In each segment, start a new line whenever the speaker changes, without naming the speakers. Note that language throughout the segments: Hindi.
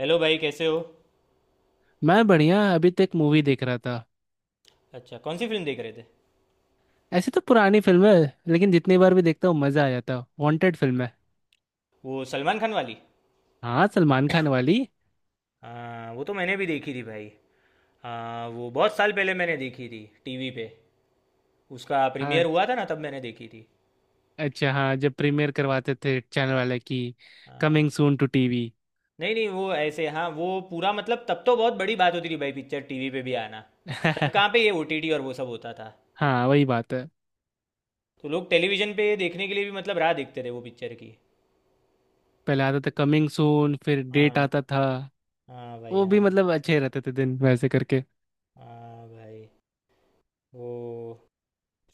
हेलो भाई, कैसे हो?
मैं बढ़िया, अभी तक मूवी देख रहा था।
अच्छा, कौन सी फिल्म देख रहे थे?
ऐसी तो पुरानी फिल्म है, लेकिन जितनी बार भी देखता हूँ मजा आ जाता है। वांटेड फिल्म है।
वो सलमान खान वाली?
हाँ, सलमान खान वाली।
हाँ, वो तो मैंने भी देखी थी भाई। हाँ, वो बहुत साल पहले मैंने देखी थी टीवी पे। उसका प्रीमियर
हाँ,
हुआ था ना, तब मैंने देखी थी।
अच्छा हाँ, जब प्रीमियर करवाते थे चैनल वाले की।
हाँ।
Coming soon to TV.
नहीं नहीं, वो ऐसे, हाँ, वो पूरा मतलब तब तो बहुत बड़ी बात होती थी भाई, पिक्चर टीवी पे भी आना। तब कहाँ पे ये ओटीटी और वो सब होता था।
हाँ, वही बात है।
तो लोग टेलीविज़न पे देखने के लिए भी मतलब राह देखते थे वो पिक्चर की।
पहले आता था कमिंग सून, फिर डेट
हाँ।
आता था।
हाँ भाई,
वो भी
हाँ।
मतलब अच्छे रहते थे दिन, वैसे करके।
हाँ भाई। वो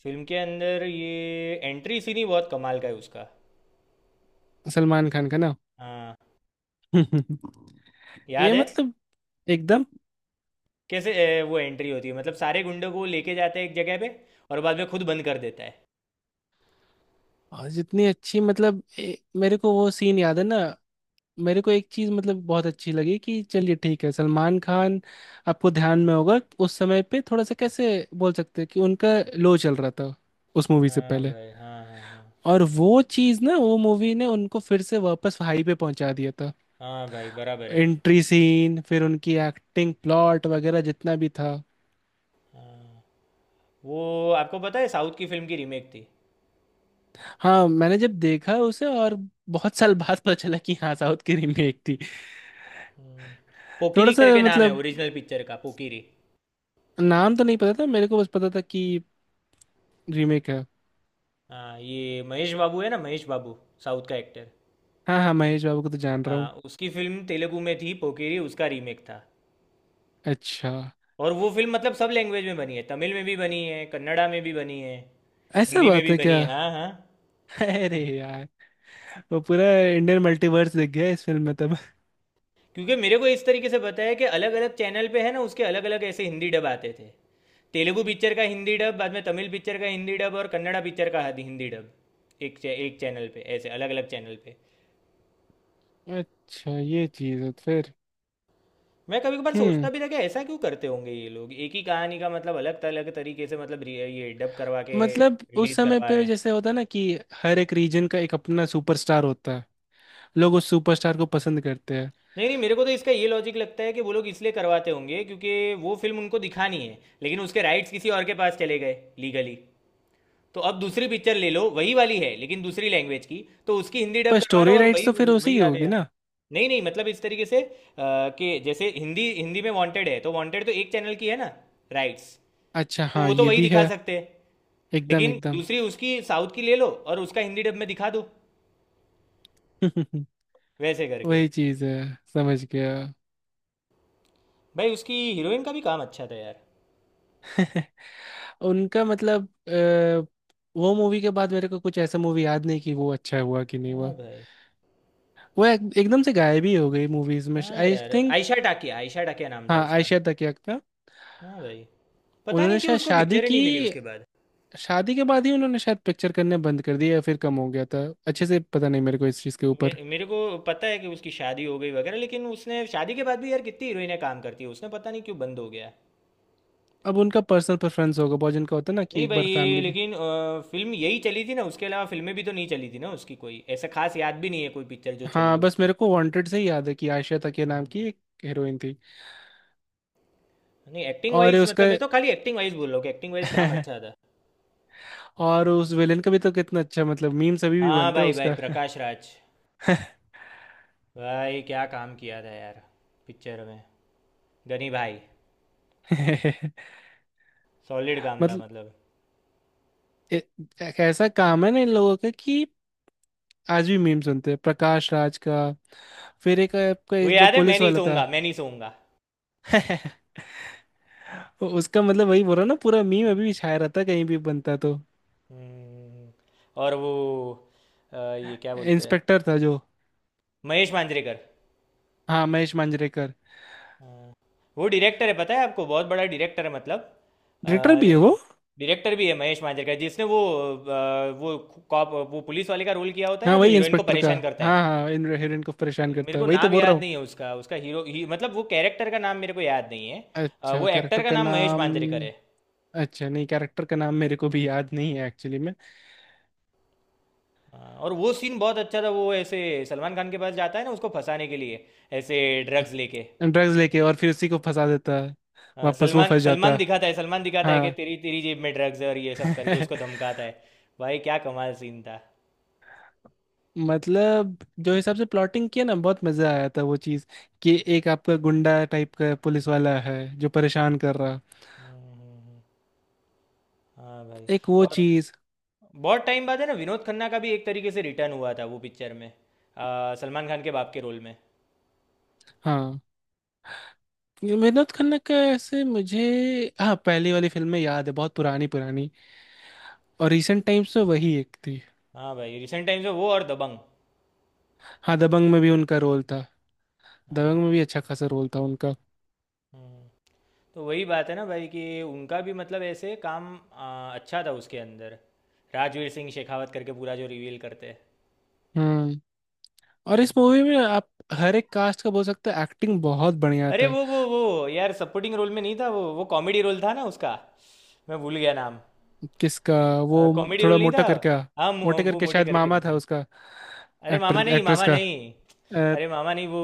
फिल्म के अंदर ये एंट्री सीन ही बहुत कमाल का है उसका।
सलमान खान का ना।
हाँ।
ये
याद है।
मतलब एकदम।
कैसे? वो एंट्री होती है मतलब सारे गुंडों को लेके जाते हैं एक जगह पे। और बाद में खुद बंद कर देता है।
और जितनी अच्छी मतलब मेरे को वो सीन याद है ना। मेरे को एक चीज मतलब बहुत अच्छी लगी कि चलिए ठीक है, सलमान खान, आपको ध्यान में होगा, उस समय पे थोड़ा सा कैसे बोल सकते हैं कि उनका लो चल रहा था उस मूवी से
हाँ
पहले।
भाई, हाँ, हाँ, हाँ।
और वो चीज ना, वो मूवी ने उनको फिर से वापस हाई पे पहुंचा दिया था।
हाँ भाई, बराबर है।
एंट्री सीन, फिर उनकी एक्टिंग, प्लॉट वगैरह जितना भी था।
हाँ। वो आपको पता है साउथ की फिल्म की रीमेक थी।
हाँ, मैंने जब देखा उसे और बहुत साल बाद पता चला कि हाँ साउथ की रीमेक थी।
हम्म,
थोड़ा
पोकिरी
सा
करके नाम है
मतलब
ओरिजिनल पिक्चर का, पोकिरी।
नाम तो नहीं पता था मेरे को, बस पता था कि रीमेक है।
हाँ, ये महेश बाबू है ना, महेश बाबू। साउथ का एक्टर।
हाँ हाँ, महेश बाबू को तो जान रहा
हाँ,
हूँ।
उसकी फिल्म तेलुगु में थी, पोकिरी उसका रीमेक था।
अच्छा,
और वो फिल्म मतलब सब लैंग्वेज में बनी है, तमिल में भी बनी है, कन्नड़ा में भी बनी है।
ऐसा
हिंदी में
बात
भी
है
बनी
क्या।
है, हाँ, हाँ।
अरे यार, वो पूरा इंडियन मल्टीवर्स दिख गया इस फिल्म में तब।
क्योंकि मेरे को इस तरीके से बताया कि अलग अलग चैनल पे है ना, उसके अलग अलग ऐसे हिंदी डब आते थे। तेलुगु पिक्चर का हिंदी डब, बाद में तमिल पिक्चर का हिंदी डब और कन्नड़ा पिक्चर का हिंदी डब। एक चैनल पे, ऐसे अलग अलग चैनल पे।
अच्छा, ये चीज है फिर।
मैं कभी कभार
हम्म,
सोचता भी था कि ऐसा क्यों करते होंगे ये लोग, एक ही कहानी का मतलब अलग अलग तरीके से मतलब ये डब करवा के
मतलब उस
रिलीज
समय
करवा रहे
पे
हैं।
जैसे होता है ना कि हर एक रीजन का एक अपना सुपरस्टार होता है, लोग उस सुपरस्टार को पसंद करते हैं।
नहीं नहीं, मेरे को तो इसका ये लॉजिक लगता है कि वो लोग इसलिए करवाते होंगे क्योंकि वो फिल्म उनको दिखानी है लेकिन उसके राइट्स किसी और के पास चले गए लीगली। तो अब दूसरी पिक्चर ले लो, वही वाली है लेकिन दूसरी लैंग्वेज की, तो उसकी हिंदी डब
पर
करवा लो
स्टोरी
और
राइट्स
वही
तो फिर उसी
वही
की
आ
होगी
गया।
ना।
नहीं नहीं, मतलब इस तरीके से कि जैसे हिंदी हिंदी में वांटेड है तो वांटेड तो एक चैनल की है ना, राइट्स।
अच्छा
तो
हाँ,
वो तो
ये
वही
भी
दिखा
है।
सकते हैं।
एकदम
लेकिन
एकदम।
दूसरी उसकी साउथ की ले लो और उसका हिंदी डब में दिखा दो, वैसे करके।
वही चीज है, समझ गया।
भाई, उसकी हीरोइन का भी काम अच्छा था यार।
उनका मतलब वो मूवी के बाद मेरे को कुछ ऐसा मूवी याद नहीं कि वो अच्छा हुआ कि नहीं
हाँ
हुआ।
भाई।
वो एकदम से गायब ही हो गई मूवीज में,
हाँ
आई
यार।
थिंक।
आयशा टाकिया, आयशा टाकिया नाम था
हाँ,
उसका।
आयशा तकिया का।
हाँ भाई। पता
उन्होंने
नहीं क्यों
शायद
उसको
शादी
पिक्चर ही
की।
नहीं मिली उसके बाद।
शादी के बाद ही उन्होंने शायद पिक्चर करने बंद कर दिया, या फिर कम हो गया था। अच्छे से पता नहीं मेरे को इस चीज़ के
मे,
ऊपर।
मेरे को पता है कि उसकी शादी हो गई वगैरह, लेकिन उसने शादी के बाद भी यार कितनी हीरोइनें काम करती है, उसने पता नहीं क्यों बंद हो गया।
अब उनका पर्सनल प्रेफरेंस होगा, बहुत जिनका होता है ना कि
नहीं
एक
भाई,
बार
ये
फैमिली में।
लेकिन फिल्म यही चली थी ना, उसके अलावा फिल्में भी तो नहीं चली थी ना उसकी, कोई ऐसा खास याद भी नहीं है कोई पिक्चर जो चली
हाँ,
है
बस
उसकी।
मेरे को वांटेड से ही याद है कि आयशा तकिया नाम
हम्म।
की एक हीरोइन थी।
नहीं, एक्टिंग
और
वाइज
उसका
मतलब मैं तो खाली एक्टिंग वाइज बोल रहा हूँ कि एक्टिंग वाइज काम अच्छा था।
और उस विलेन का भी तो कितना अच्छा, मतलब मीम्स अभी भी
हाँ
बनते हैं
भाई, भाई
उसका।
प्रकाश राज। भाई क्या काम किया था यार, पिक्चर में। गनी भाई। सॉलिड काम था
मतलब
मतलब।
ए- एक ऐसा काम है ना इन लोगों का कि आज भी मीम सुनते हैं प्रकाश राज का। फिर एक आपका
वो
ये जो
याद है, मैं
पुलिस
नहीं
वाला था।
सोऊंगा, मैं नहीं सोऊंगा।
उसका मतलब वही बोल रहा हूं ना, पूरा मीम अभी भी छाया रहता है, कहीं भी बनता तो।
हम्म, और वो ये क्या बोलते हैं,
इंस्पेक्टर था जो।
महेश मांजरेकर।
हाँ, महेश मांजरेकर।
हाँ। वो डायरेक्टर है, पता है आपको बहुत बड़ा डायरेक्टर है मतलब।
डायरेक्टर भी है वो।
डायरेक्टर भी है महेश मांजरेकर, जिसने वो अ, वो कॉप वो पुलिस वाले का रोल किया होता है
हाँ,
ना, जो
वही
हीरोइन को
इंस्पेक्टर का।
परेशान करता
हाँ
है।
हाँ, इन हीरोइन को परेशान
मेरे
करता है,
को
वही तो
नाम
बोल रहा
याद
हूँ।
नहीं है उसका उसका हीरो ही, मतलब वो कैरेक्टर का नाम मेरे को याद नहीं है।
अच्छा,
वो एक्टर
कैरेक्टर
का
का
नाम महेश
नाम।
मांजरेकर है।
अच्छा, नहीं कैरेक्टर का नाम मेरे को भी याद नहीं है एक्चुअली में।
हाँ, और वो सीन बहुत अच्छा था, वो ऐसे सलमान खान के पास जाता है ना उसको फंसाने के लिए, ऐसे ड्रग्स लेके।
ड्रग्स लेके और फिर उसी को फंसा देता है।
हाँ,
वापस वो
सलमान
फंस जाता है।
सलमान दिखाता है कि
हाँ।
तेरी तेरी जेब में ड्रग्स है और ये सब करके उसको धमकाता है। भाई क्या कमाल सीन था।
मतलब जो हिसाब से प्लॉटिंग किया ना, बहुत मजा आया था वो चीज। कि एक आपका गुंडा टाइप का पुलिस वाला है जो परेशान कर रहा।
हम्म, हम्म, हम्म, हाँ भाई।
एक वो
और
चीज।
बहुत टाइम बाद है ना, विनोद खन्ना का भी एक तरीके से रिटर्न हुआ था वो पिक्चर में, सलमान खान के बाप के रोल में।
हाँ, ये मेहनत खन्ना का ऐसे मुझे हाँ पहली वाली फिल्म में याद है, बहुत पुरानी पुरानी। और रिसेंट टाइम्स में वही एक थी।
हाँ भाई, रिसेंट टाइम्स में वो और दबंग।
हाँ, दबंग में भी उनका रोल था।
हाँ।
दबंग में भी अच्छा खासा रोल था उनका।
हम्म, तो वही बात है ना भाई कि उनका भी मतलब ऐसे काम अच्छा था उसके अंदर। राजवीर सिंह शेखावत करके पूरा जो रिवील करते हैं।
हम्म। और इस मूवी में आप हर एक कास्ट का बोल सकते हैं, एक्टिंग बहुत बढ़िया
अरे
था।
वो यार सपोर्टिंग रोल में नहीं था, वो कॉमेडी रोल था ना उसका। मैं भूल गया नाम।
किसका। वो।
कॉमेडी रोल
थोड़ा
नहीं
मोटा
था।
करके।
हाँ
मोटे
वो
करके
मोटे
शायद
करके,
मामा था
हाँ।
उसका।
अरे मामा
एक्टर
नहीं,
एक्ट्रेस
मामा
का
नहीं।
अ,
अरे मामा नहीं, वो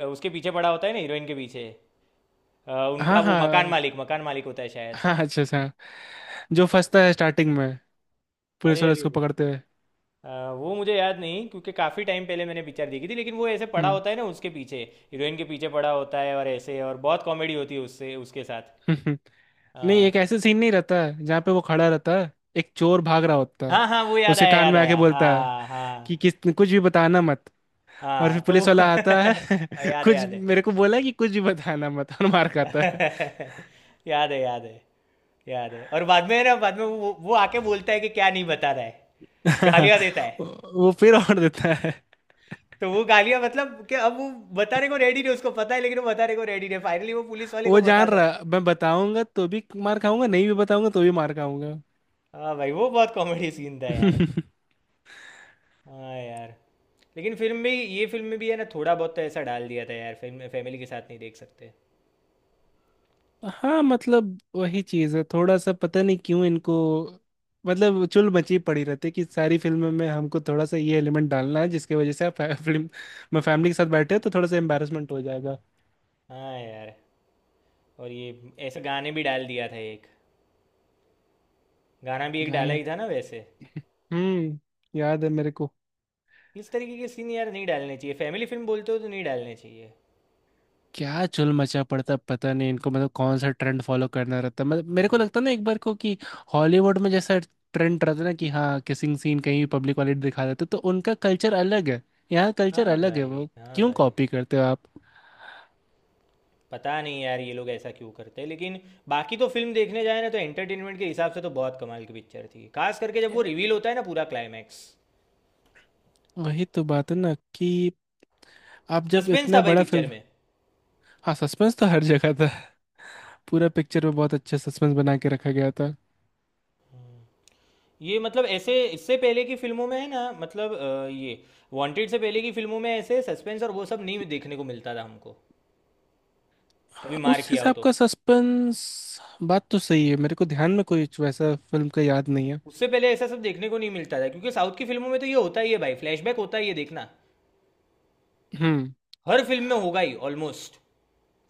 उसके पीछे पड़ा होता है ना हीरोइन के पीछे। उनका
हाँ
वो मकान
हाँ।
मालिक मकान मालिक होता है शायद।
हाँ, अच्छा सा, जो फंसता है स्टार्टिंग में, पुलिस
अरे
वाले
अरे।
उसको पकड़ते हुए।
अ, वो मुझे याद नहीं, क्योंकि काफ़ी टाइम पहले मैंने पिक्चर देखी थी, लेकिन वो ऐसे पड़ा
हम्म।
होता है ना उसके पीछे, हीरोइन के पीछे पड़ा होता है और ऐसे और बहुत कॉमेडी होती है उससे, उसके साथ।
नहीं,
अ,
एक ऐसे सीन नहीं रहता है जहाँ पे वो खड़ा रहता है, एक चोर भाग रहा होता है,
हाँ हाँ, वो याद
उसके
आया,
कान
याद
में आके
आया,
बोलता है
हाँ, हाँ।
कि किस कुछ भी बताना मत। और
हाँ,
फिर
तो वो
पुलिस वाला आता है।
याद है,
कुछ
याद है।
मेरे को बोला है कि कुछ भी बताना मत और मार खाता है।
याद है, याद है। याद है, और बाद में है ना, बाद में वो आके बोलता है कि क्या नहीं बता रहा है। गालियां देता है।
वो फिर और देता है।
तो वो गालियां, मतलब कि अब वो बताने को रेडी नहीं, उसको पता है लेकिन वो बताने को रेडी नहीं, फाइनली वो पुलिस वाले को
वो जान
बताता है।
रहा मैं बताऊंगा तो भी मार खाऊंगा, नहीं भी बताऊंगा तो भी मार खाऊंगा।
हाँ भाई, वो बहुत कॉमेडी सीन था यार। हाँ यार। लेकिन फिल्म में, ये फिल्म में भी है ना थोड़ा बहुत तो ऐसा डाल दिया था यार, फिल्म में फैमिली के साथ नहीं देख सकते।
हाँ, मतलब वही चीज है। थोड़ा सा पता नहीं क्यों इनको, मतलब चुल मची पड़ी रहती है कि सारी फिल्म में हमको थोड़ा सा ये एलिमेंट डालना है, जिसकी वजह से आप फिल्म में फैमिली के साथ बैठे हो तो थोड़ा सा एम्बेरसमेंट हो जाएगा।
हाँ यार। और ये ऐसे गाने भी डाल दिया था एक, गाना भी एक डाला
गाने।
ही था ना वैसे।
हम्म, याद है मेरे को।
इस तरीके के सीन यार नहीं डालने चाहिए, फैमिली फिल्म बोलते हो तो नहीं डालने चाहिए।
क्या चुल मचा पड़ता, पता नहीं इनको, मतलब कौन सा ट्रेंड फॉलो करना रहता, मतलब मेरे को लगता ना एक बार को कि हॉलीवुड में जैसा ट्रेंड रहता ना कि हाँ किसिंग सीन कहीं पब्लिक वाले दिखा देते, तो उनका कल्चर अलग है, यहाँ कल्चर
हाँ
अलग है
भाई,
वो।
हाँ
क्यों
भाई।
कॉपी करते हो आप।
पता नहीं यार ये लोग ऐसा क्यों करते हैं, लेकिन बाकी तो फिल्म देखने जाए ना तो एंटरटेनमेंट के हिसाब से तो बहुत कमाल की पिक्चर थी, खास करके जब वो रिवील होता है ना पूरा क्लाइमैक्स।
वही तो बात है ना कि आप जब
सस्पेंस था
इतना
भाई
बड़ा
पिक्चर
फिल्म।
में।
हाँ, सस्पेंस तो हर जगह था। पूरा पिक्चर में बहुत अच्छा सस्पेंस बना के रखा गया था।
ये मतलब ऐसे इससे पहले की फिल्मों में है ना, मतलब ये वांटेड से पहले की फिल्मों में ऐसे सस्पेंस और वो सब नहीं देखने को मिलता था हमको, कभी मार
उस
किया हो
हिसाब
तो।
का सस्पेंस। बात तो सही है, मेरे को ध्यान में कोई वैसा फिल्म का याद नहीं है।
उससे पहले ऐसा सब देखने को नहीं मिलता था, क्योंकि साउथ की फिल्मों में तो ये होता ही है भाई, फ्लैशबैक होता ही है देखना।
हम्म।
हर फिल्म में होगा ही ऑलमोस्ट,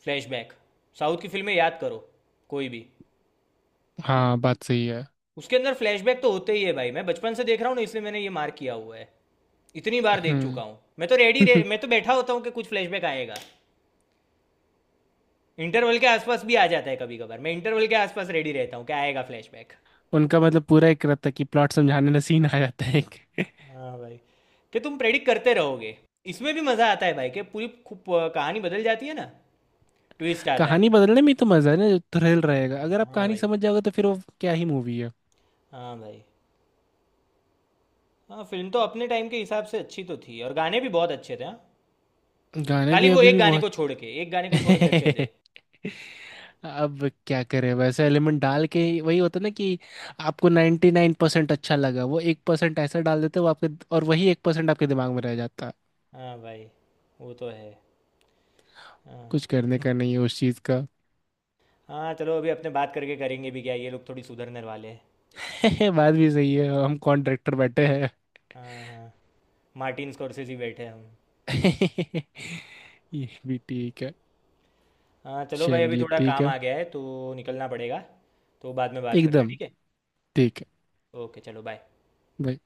फ्लैशबैक। साउथ की फिल्में याद करो, कोई भी।
हाँ, बात सही है।
उसके अंदर फ्लैशबैक तो होते ही है भाई, मैं बचपन से देख रहा हूँ ना, इसलिए मैंने ये मार्क किया हुआ है। इतनी बार देख चुका
हम्म।
हूँ मैं तो रेडी रे, मैं तो बैठा होता हूँ कि कुछ फ्लैशबैक आएगा। इंटरवल के आसपास भी आ जाता है कभी कभार, मैं इंटरवल के आसपास रेडी रहता हूँ कि आएगा फ्लैशबैक।
उनका मतलब पूरा एक रहता है कि प्लॉट समझाने में सीन आ जाता है एक।
हाँ भाई, कि तुम प्रेडिक्ट करते रहोगे। इसमें भी मज़ा आता है भाई कि पूरी खूब कहानी बदल जाती है ना, ट्विस्ट आता है।
कहानी बदलने में ही तो मजा है ना, जो थ्रिल रहेगा। अगर आप
हाँ
कहानी
भाई,
समझ जाओगे तो फिर वो क्या ही मूवी है।
हाँ भाई। हाँ, फिल्म तो अपने टाइम के हिसाब से अच्छी तो थी, और गाने भी बहुत अच्छे थे, हाँ।
गाने
खाली
भी
वो
अभी
एक
भी
गाने
बहुत।
को छोड़ के, एक गाने को छोड़ के अच्छे थे।
अब क्या करें, वैसे एलिमेंट डाल के वही होता ना कि आपको 99% अच्छा लगा, वो 1% ऐसा डाल देते वो आपके, और वही 1% आपके दिमाग में रह जाता है।
हाँ भाई। वो तो है। हाँ।
कुछ करने का नहीं है उस चीज का।
हाँ चलो, अभी अपने बात करके करेंगे भी क्या, ये लोग थोड़ी सुधरने वाले हैं।
बात भी सही है, हम कौन डायरेक्टर बैठे।
हाँ, हाँ। मार्टिन स्कॉर्सेज़ी बैठे हैं हम।
ये भी ठीक है।
हाँ चलो भाई, अभी
चलिए
थोड़ा
ठीक
काम
है।
आ गया है तो निकलना पड़ेगा। तो बाद में बात करते हैं,
एकदम।
ठीक है।
ठीक है।
ओके चलो, बाय।
भाई।